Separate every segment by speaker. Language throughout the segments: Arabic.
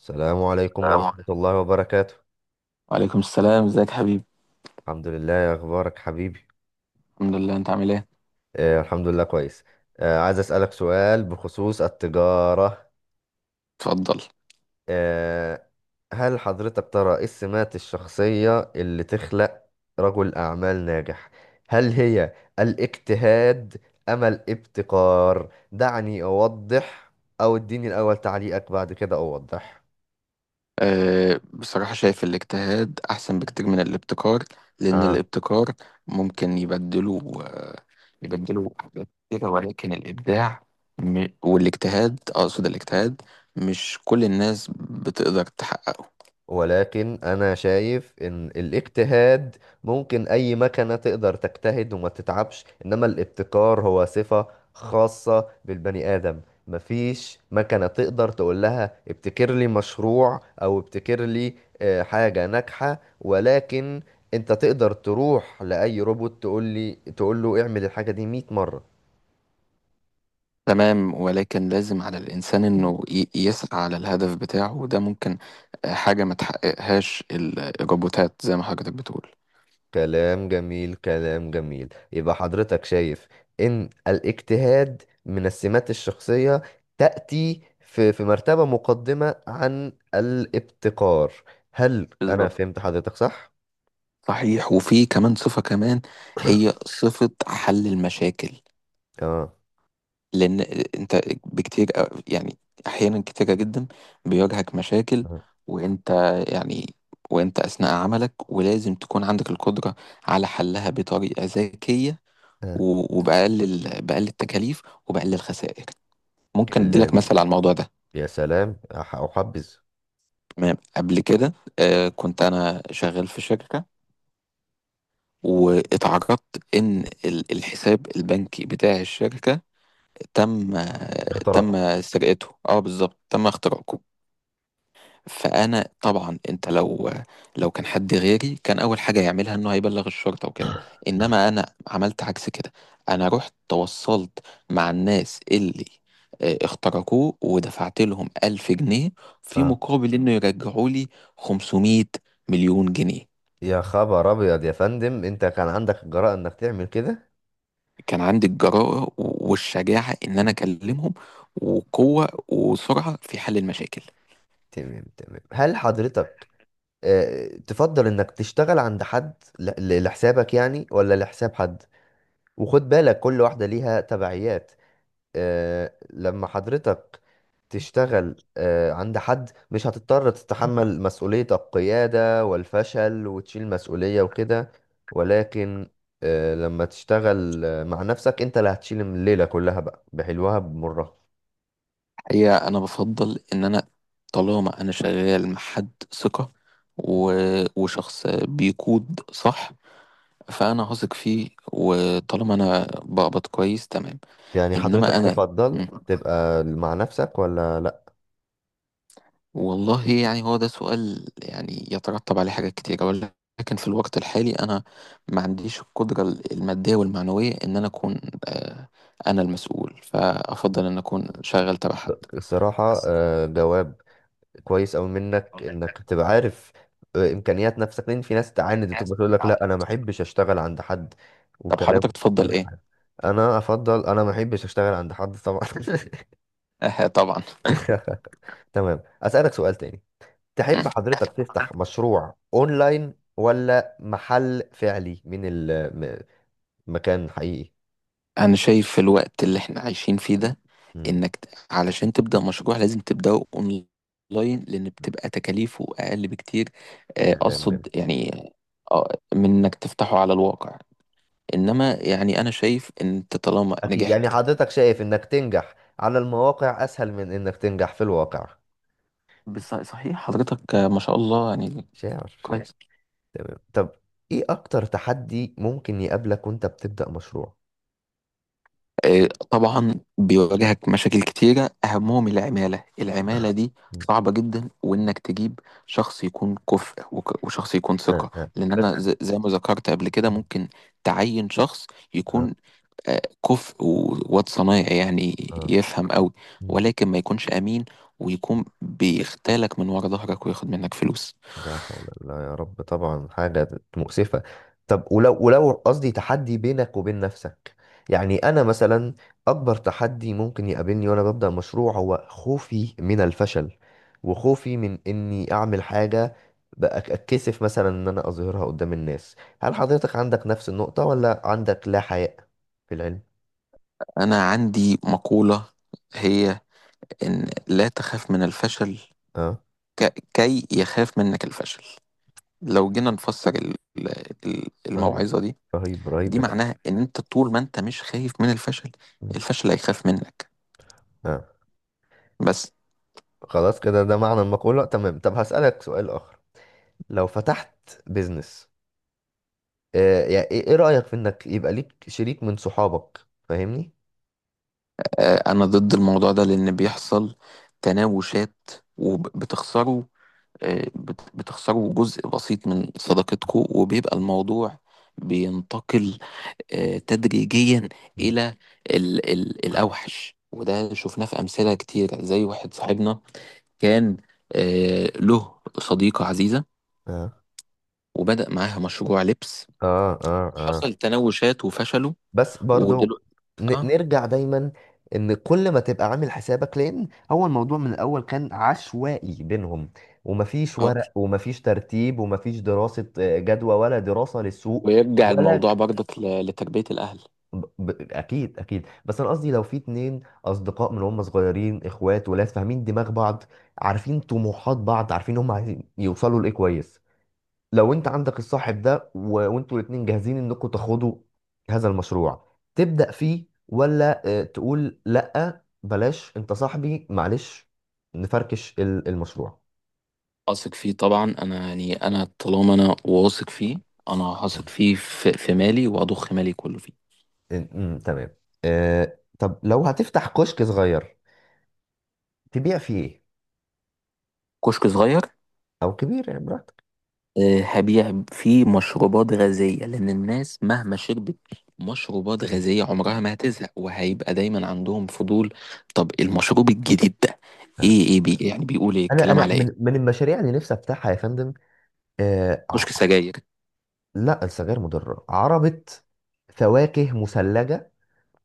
Speaker 1: السلام عليكم
Speaker 2: السلام
Speaker 1: ورحمة
Speaker 2: عليكم.
Speaker 1: الله وبركاته.
Speaker 2: وعليكم السلام، ازيك يا حبيبي؟
Speaker 1: الحمد لله، يا أخبارك حبيبي؟
Speaker 2: الحمد لله، انت عامل ايه؟
Speaker 1: الحمد لله كويس. عايز أسألك سؤال بخصوص التجارة.
Speaker 2: اتفضل.
Speaker 1: آه هل حضرتك ترى إيه السمات الشخصية اللي تخلق رجل أعمال ناجح؟ هل هي الاجتهاد أم الابتكار؟ دعني أوضح، أو اديني الأول تعليقك بعد كده أوضح.
Speaker 2: بصراحة شايف الاجتهاد أحسن بكتير من الابتكار، لأن الابتكار ممكن يبدله حاجات كتيرة. ولكن الإبداع م- والاجتهاد أقصد الاجتهاد مش كل الناس بتقدر تحققه.
Speaker 1: ولكن انا شايف ان الاجتهاد ممكن اي مكنة تقدر تجتهد وما تتعبش، انما الابتكار هو صفة خاصة بالبني ادم. مفيش مكنة تقدر تقول لها ابتكر لي مشروع او ابتكر لي حاجة ناجحة، ولكن انت تقدر تروح لاي روبوت تقول له اعمل الحاجة دي 100 مرة.
Speaker 2: تمام، ولكن لازم على الإنسان إنه يسعى على الهدف بتاعه، وده ممكن حاجة ما تحققهاش الروبوتات زي ما حضرتك بتقول.
Speaker 1: كلام جميل، كلام جميل. يبقى حضرتك شايف ان الاجتهاد من السمات الشخصية تأتي في مرتبة مقدمة عن الابتكار. هل انا
Speaker 2: بالظبط.
Speaker 1: فهمت حضرتك صح؟
Speaker 2: صحيح، وفي كمان صفة كمان، هي صفة حل المشاكل.
Speaker 1: اه.
Speaker 2: لأن أنت بكتير يعني أحيانا كتيرة جدا بيواجهك مشاكل،
Speaker 1: اه.
Speaker 2: وأنت يعني وأنت أثناء عملك، ولازم تكون عندك القدرة على حلها بطريقة ذكية
Speaker 1: آه.
Speaker 2: بأقل التكاليف وبأقل الخسائر. ممكن أديلك
Speaker 1: كلام.
Speaker 2: مثل على الموضوع ده.
Speaker 1: يا سلام، احبذ.
Speaker 2: تمام، قبل كده كنت أنا شغال في شركة، واتعرضت إن الحساب البنكي بتاع الشركة تم
Speaker 1: اختراق.
Speaker 2: تم سرقته. اه، بالظبط، تم اختراقه. فانا طبعا انت لو كان حد غيري، كان اول حاجه يعملها انه هيبلغ الشرطه وكده،
Speaker 1: مم.
Speaker 2: انما انا عملت عكس كده. انا رحت تواصلت مع الناس اللي اخترقوه، ودفعت لهم 1000 جنيه في
Speaker 1: اه.
Speaker 2: مقابل انه يرجعوا لي 500 مليون جنيه.
Speaker 1: يا خبر ابيض يا فندم، انت كان عندك الجرأة انك تعمل كده؟
Speaker 2: كان عندي الجرأة والشجاعة ان انا اكلمهم، وقوة وسرعة في حل المشاكل.
Speaker 1: تمام، تمام. هل حضرتك تفضل انك تشتغل عند حد لحسابك يعني، ولا لحساب حد؟ وخد بالك كل واحدة ليها تبعيات. لما حضرتك تشتغل عند حد مش هتضطر تتحمل مسؤولية القيادة والفشل وتشيل مسؤولية وكده، ولكن لما تشتغل مع نفسك انت اللي هتشيل الليلة كلها بقى، بحلوها بمرها.
Speaker 2: هي انا بفضل ان انا طالما انا شغال مع حد ثقة و... وشخص بيقود صح، فانا هثق فيه، وطالما انا بقبض كويس تمام.
Speaker 1: يعني
Speaker 2: انما
Speaker 1: حضرتك
Speaker 2: انا.
Speaker 1: تفضل
Speaker 2: مم.
Speaker 1: تبقى مع نفسك ولا لا؟
Speaker 2: والله يعني هو ده سؤال يعني يترتب عليه حاجات كتيرة، ولكن في الوقت الحالي انا ما عنديش القدرة المادية والمعنوية ان انا اكون آه، انا المسؤول،
Speaker 1: مم.
Speaker 2: فافضل ان اكون شغال تبع حد.
Speaker 1: الصراحة جواب كويس أوي منك إنك تبقى عارف إمكانيات نفسك، لأن في ناس تعاند بتبقى تقول لك لا أنا ما أحبش أشتغل عند حد
Speaker 2: طب
Speaker 1: وكلام
Speaker 2: حضرتك تفضل
Speaker 1: غير
Speaker 2: ايه؟
Speaker 1: عارف. أنا أفضل، أنا ما أحبش أشتغل عند حد طبعا
Speaker 2: اه، طبعا.
Speaker 1: تمام، أسألك سؤال تاني. تحب حضرتك تفتح مشروع أونلاين، ولا محل فعلي من المكان حقيقي؟
Speaker 2: انا شايف في الوقت اللي احنا عايشين فيه ده،
Speaker 1: مم.
Speaker 2: انك علشان تبدأ مشروع لازم تبدأه اونلاين، لان بتبقى تكاليفه اقل بكتير،
Speaker 1: كلام
Speaker 2: اقصد
Speaker 1: جميل.
Speaker 2: يعني آه، من انك تفتحه على الواقع. انما يعني انا شايف ان انت طالما
Speaker 1: أكيد، يعني
Speaker 2: نجحت.
Speaker 1: حضرتك شايف إنك تنجح على المواقع أسهل من إنك تنجح في الواقع.
Speaker 2: صحيح حضرتك، ما شاء الله يعني.
Speaker 1: شاعر.
Speaker 2: كويس.
Speaker 1: تمام، طب ايه اكتر تحدي ممكن يقابلك وانت بتبدأ مشروع؟
Speaker 2: طبعا بيواجهك مشاكل كتيرة، أهمهم العمالة دي
Speaker 1: مم.
Speaker 2: صعبة جدا، وإنك تجيب شخص يكون كفء وشخص يكون
Speaker 1: آه
Speaker 2: ثقة.
Speaker 1: آه.
Speaker 2: لأن
Speaker 1: بس.
Speaker 2: أنا زي ما ذكرت قبل كده
Speaker 1: مم.
Speaker 2: ممكن تعين شخص
Speaker 1: آه
Speaker 2: يكون آه، كفء وواد صنايعي يعني،
Speaker 1: آه.
Speaker 2: يفهم قوي،
Speaker 1: مم.
Speaker 2: ولكن ما يكونش أمين، ويكون بيختالك من ورا ظهرك وياخد منك فلوس.
Speaker 1: لا حول الله يا رب، طبعا حاجة مؤسفة. طب ولو قصدي تحدي بينك وبين نفسك، يعني أنا مثلا أكبر تحدي ممكن يقابلني وأنا ببدأ مشروع هو خوفي من الفشل، وخوفي من إني أعمل حاجة بأك- أتكسف مثلا إن أنا أظهرها قدام الناس. هل حضرتك عندك نفس النقطة، ولا عندك لا حياء في العلم؟
Speaker 2: أنا عندي مقولة هي إن لا تخاف من الفشل
Speaker 1: اه.
Speaker 2: كي يخاف منك الفشل. لو جينا نفسر
Speaker 1: رهيب.
Speaker 2: الموعظة دي،
Speaker 1: رهيب، رهيب
Speaker 2: دي
Speaker 1: يا
Speaker 2: معناها ان انت طول ما انت مش خايف من الفشل،
Speaker 1: فندم.
Speaker 2: الفشل هيخاف منك.
Speaker 1: اه.
Speaker 2: بس.
Speaker 1: خلاص كده، ده معنى المقولة. تمام، طب هسألك سؤال آخر. لو فتحت بيزنس يعني ايه، إيه رأيك في انك يبقى ليك شريك من صحابك؟ فاهمني.
Speaker 2: انا ضد الموضوع ده، لان بيحصل تناوشات وبتخسروا، بتخسروا جزء بسيط من صداقتكم، وبيبقى الموضوع بينتقل تدريجيا
Speaker 1: مم.
Speaker 2: الى ال ال الاوحش. وده شفناه في امثله كتير، زي واحد صاحبنا كان له صديقه عزيزه،
Speaker 1: اه
Speaker 2: وبدأ معاها مشروع لبس.
Speaker 1: اه اه اه.
Speaker 2: حصل تناوشات وفشلوا
Speaker 1: بس برضو
Speaker 2: ودلوقتي. اه،
Speaker 1: نرجع دايما ان كل ما تبقى عامل حسابك، لان هو الموضوع من الاول كان عشوائي بينهم، ومفيش
Speaker 2: اه،
Speaker 1: ورق ومفيش ترتيب ومفيش دراسة جدوى ولا دراسة للسوق
Speaker 2: ويرجع
Speaker 1: ولا
Speaker 2: الموضوع برضك لتربية الأهل.
Speaker 1: اكيد، اكيد. بس انا قصدي لو في اتنين اصدقاء من هم صغيرين، اخوات، ولاد فاهمين دماغ بعض، عارفين طموحات بعض، عارفين هم عايزين يوصلوا لايه كويس. لو انت عندك الصاحب ده وانتوا الاتنين جاهزين انكم تاخدوا هذا المشروع تبدأ فيه، ولا تقول لا بلاش انت صاحبي معلش، نفركش المشروع؟
Speaker 2: أثق فيه طبعا، أنا يعني أنا طالما أنا واثق فيه، أنا هثق فيه في مالي، وأضخ مالي كله فيه.
Speaker 1: تمام. طب لو هتفتح كشك صغير تبيع فيه ايه،
Speaker 2: كشك صغير.
Speaker 1: او كبير يعني؟
Speaker 2: هبيع فيه مشروبات غازية، لأن الناس مهما شربت مشروبات
Speaker 1: براحتك.
Speaker 2: غازية عمرها ما هتزهق، وهيبقى دايما عندهم فضول. طب المشروب الجديد ده إيه؟ إيه بي يعني بيقول إيه؟
Speaker 1: انا
Speaker 2: الكلام
Speaker 1: انا
Speaker 2: على إيه؟
Speaker 1: من المشاريع اللي نفسي افتحها يا فندم. آه
Speaker 2: كشك
Speaker 1: ع-
Speaker 2: سجاير.
Speaker 1: لا، السجاير مضره. عربه فواكه مثلجه،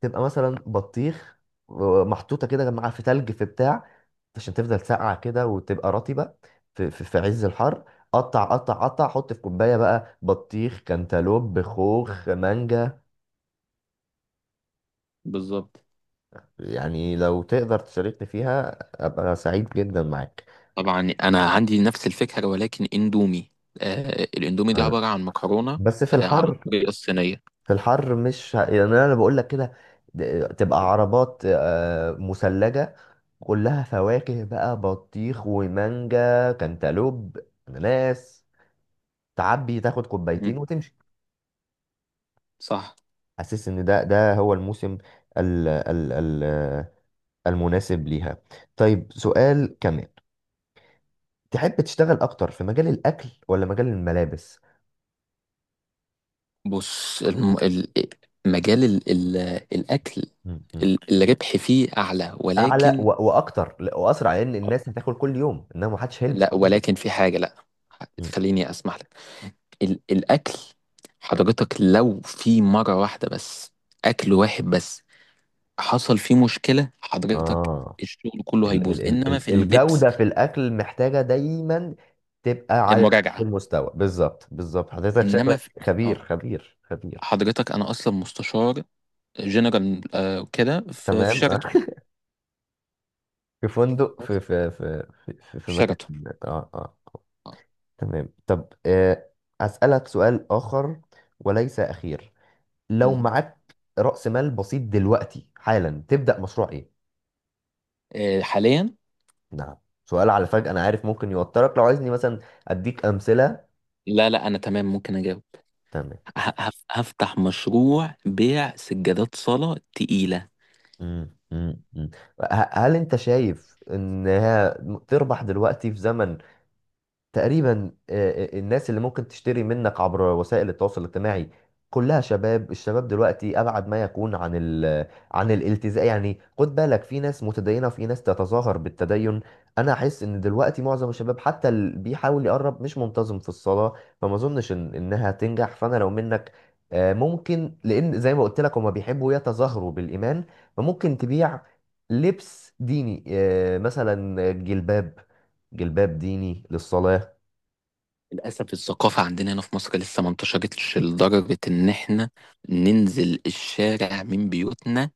Speaker 1: تبقى مثلا بطيخ محطوطه كده مع في تلج في بتاع عشان تفضل ساقعه كده وتبقى رطبه في عز الحر. قطع قطع قطع، حط في كوبايه بقى بطيخ كانتالوب خوخ مانجا.
Speaker 2: بالظبط.
Speaker 1: يعني لو تقدر تشاركني فيها ابقى سعيد جدا معاك.
Speaker 2: طبعا انا عندي نفس الفكره، ولكن اندومي. آه، الاندومي دي
Speaker 1: آه،
Speaker 2: عباره عن مكرونه
Speaker 1: بس في
Speaker 2: آه على
Speaker 1: الحر،
Speaker 2: الطريقه الصينيه.
Speaker 1: في الحر مش يعني انا بقول لك كده، تبقى عربات مثلجة كلها فواكه بقى بطيخ ومانجا كانتالوب اناناس، تعبي تاخد
Speaker 2: مم.
Speaker 1: كوبايتين وتمشي.
Speaker 2: صح.
Speaker 1: حاسس ان ده هو الموسم ال... ال... ال... المناسب ليها. طيب، سؤال كمان. تحب تشتغل اكتر في مجال الاكل ولا مجال الملابس؟
Speaker 2: بص، مجال الاكل،
Speaker 1: م.
Speaker 2: الربح فيه اعلى،
Speaker 1: اعلى
Speaker 2: ولكن.
Speaker 1: واكتر، لأ، واسرع، لان الناس هتاكل كل يوم انما محدش هيلبس
Speaker 2: لا،
Speaker 1: كل يوم.
Speaker 2: ولكن في حاجه. لا،
Speaker 1: م.
Speaker 2: خليني اسمح لك. الاكل حضرتك، لو في مره واحده بس، اكل واحد بس، حصل فيه مشكله، حضرتك
Speaker 1: اه.
Speaker 2: الشغل كله هيبوظ. انما في اللبس
Speaker 1: الجودة في الأكل محتاجة دايما تبقى على نفس
Speaker 2: مراجعه.
Speaker 1: المستوى. بالظبط، بالظبط، حضرتك
Speaker 2: انما
Speaker 1: شكلك
Speaker 2: في...
Speaker 1: خبير،
Speaker 2: اه،
Speaker 1: خبير، خبير.
Speaker 2: حضرتك انا اصلا مستشار جنرال كده في
Speaker 1: تمام
Speaker 2: شيراتون.
Speaker 1: في فندق، في مكان.
Speaker 2: شيراتون.
Speaker 1: اه، اه.
Speaker 2: آه.
Speaker 1: تمام، طب أسألك سؤال آخر وليس أخير. لو
Speaker 2: مم.
Speaker 1: معاك رأس مال بسيط دلوقتي حالا تبدأ مشروع إيه؟
Speaker 2: حاليا.
Speaker 1: نعم. سؤال على فجأة، أنا عارف ممكن يوترك، لو عايزني مثلا أديك أمثلة.
Speaker 2: لا، لا، انا تمام ممكن اجاوب.
Speaker 1: تمام.
Speaker 2: هفتح مشروع بيع سجادات صلاة تقيلة.
Speaker 1: مم. مم. مم. هل انت شايف ان هي تربح دلوقتي في زمن تقريبا الناس اللي ممكن تشتري منك عبر وسائل التواصل الاجتماعي كلها شباب. الشباب دلوقتي ابعد ما يكون عن عن الالتزام. يعني خد بالك، في ناس متدينه وفي ناس تتظاهر بالتدين. انا احس ان دلوقتي معظم الشباب حتى اللي بيحاول يقرب مش منتظم في الصلاه، فما اظنش إن انها تنجح. فانا لو منك ممكن، لان زي ما قلت لك هما بيحبوا يتظاهروا بالايمان، فممكن تبيع لبس ديني مثلا جلباب، جلباب ديني للصلاه.
Speaker 2: للأسف الثقافة عندنا هنا في مصر لسه ما انتشرتش لدرجة إن إحنا ننزل الشارع من بيوتنا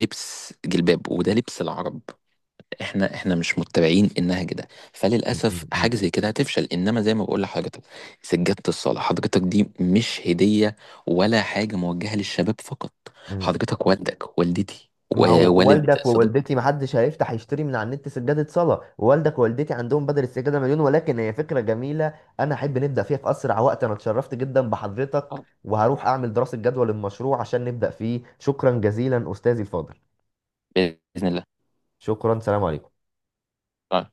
Speaker 2: بلبس جلباب، وده لبس العرب. احنا مش متبعين النهج ده.
Speaker 1: م-
Speaker 2: فللاسف حاجه
Speaker 1: م-
Speaker 2: زي كده هتفشل. انما زي ما بقول لحضرتك، سجاده الصلاه حضرتك دي مش هديه، ولا حاجه موجهه للشباب فقط.
Speaker 1: م.
Speaker 2: حضرتك والدك والدتي
Speaker 1: ما هو
Speaker 2: ووالد
Speaker 1: والدك
Speaker 2: صديقك.
Speaker 1: ووالدتي ما حدش هيفتح يشتري من على النت سجادة صلاة. والدك ووالدتي عندهم بدل السجادة 1000000. ولكن هي فكرة جميلة، أنا أحب نبدأ فيها في أسرع وقت. أنا اتشرفت جدا بحضرتك
Speaker 2: آه،
Speaker 1: وهروح أعمل دراسة جدوى للمشروع عشان نبدأ فيه. شكرا جزيلا أستاذي الفاضل.
Speaker 2: باذن الله.
Speaker 1: شكرا، سلام عليكم.
Speaker 2: آه.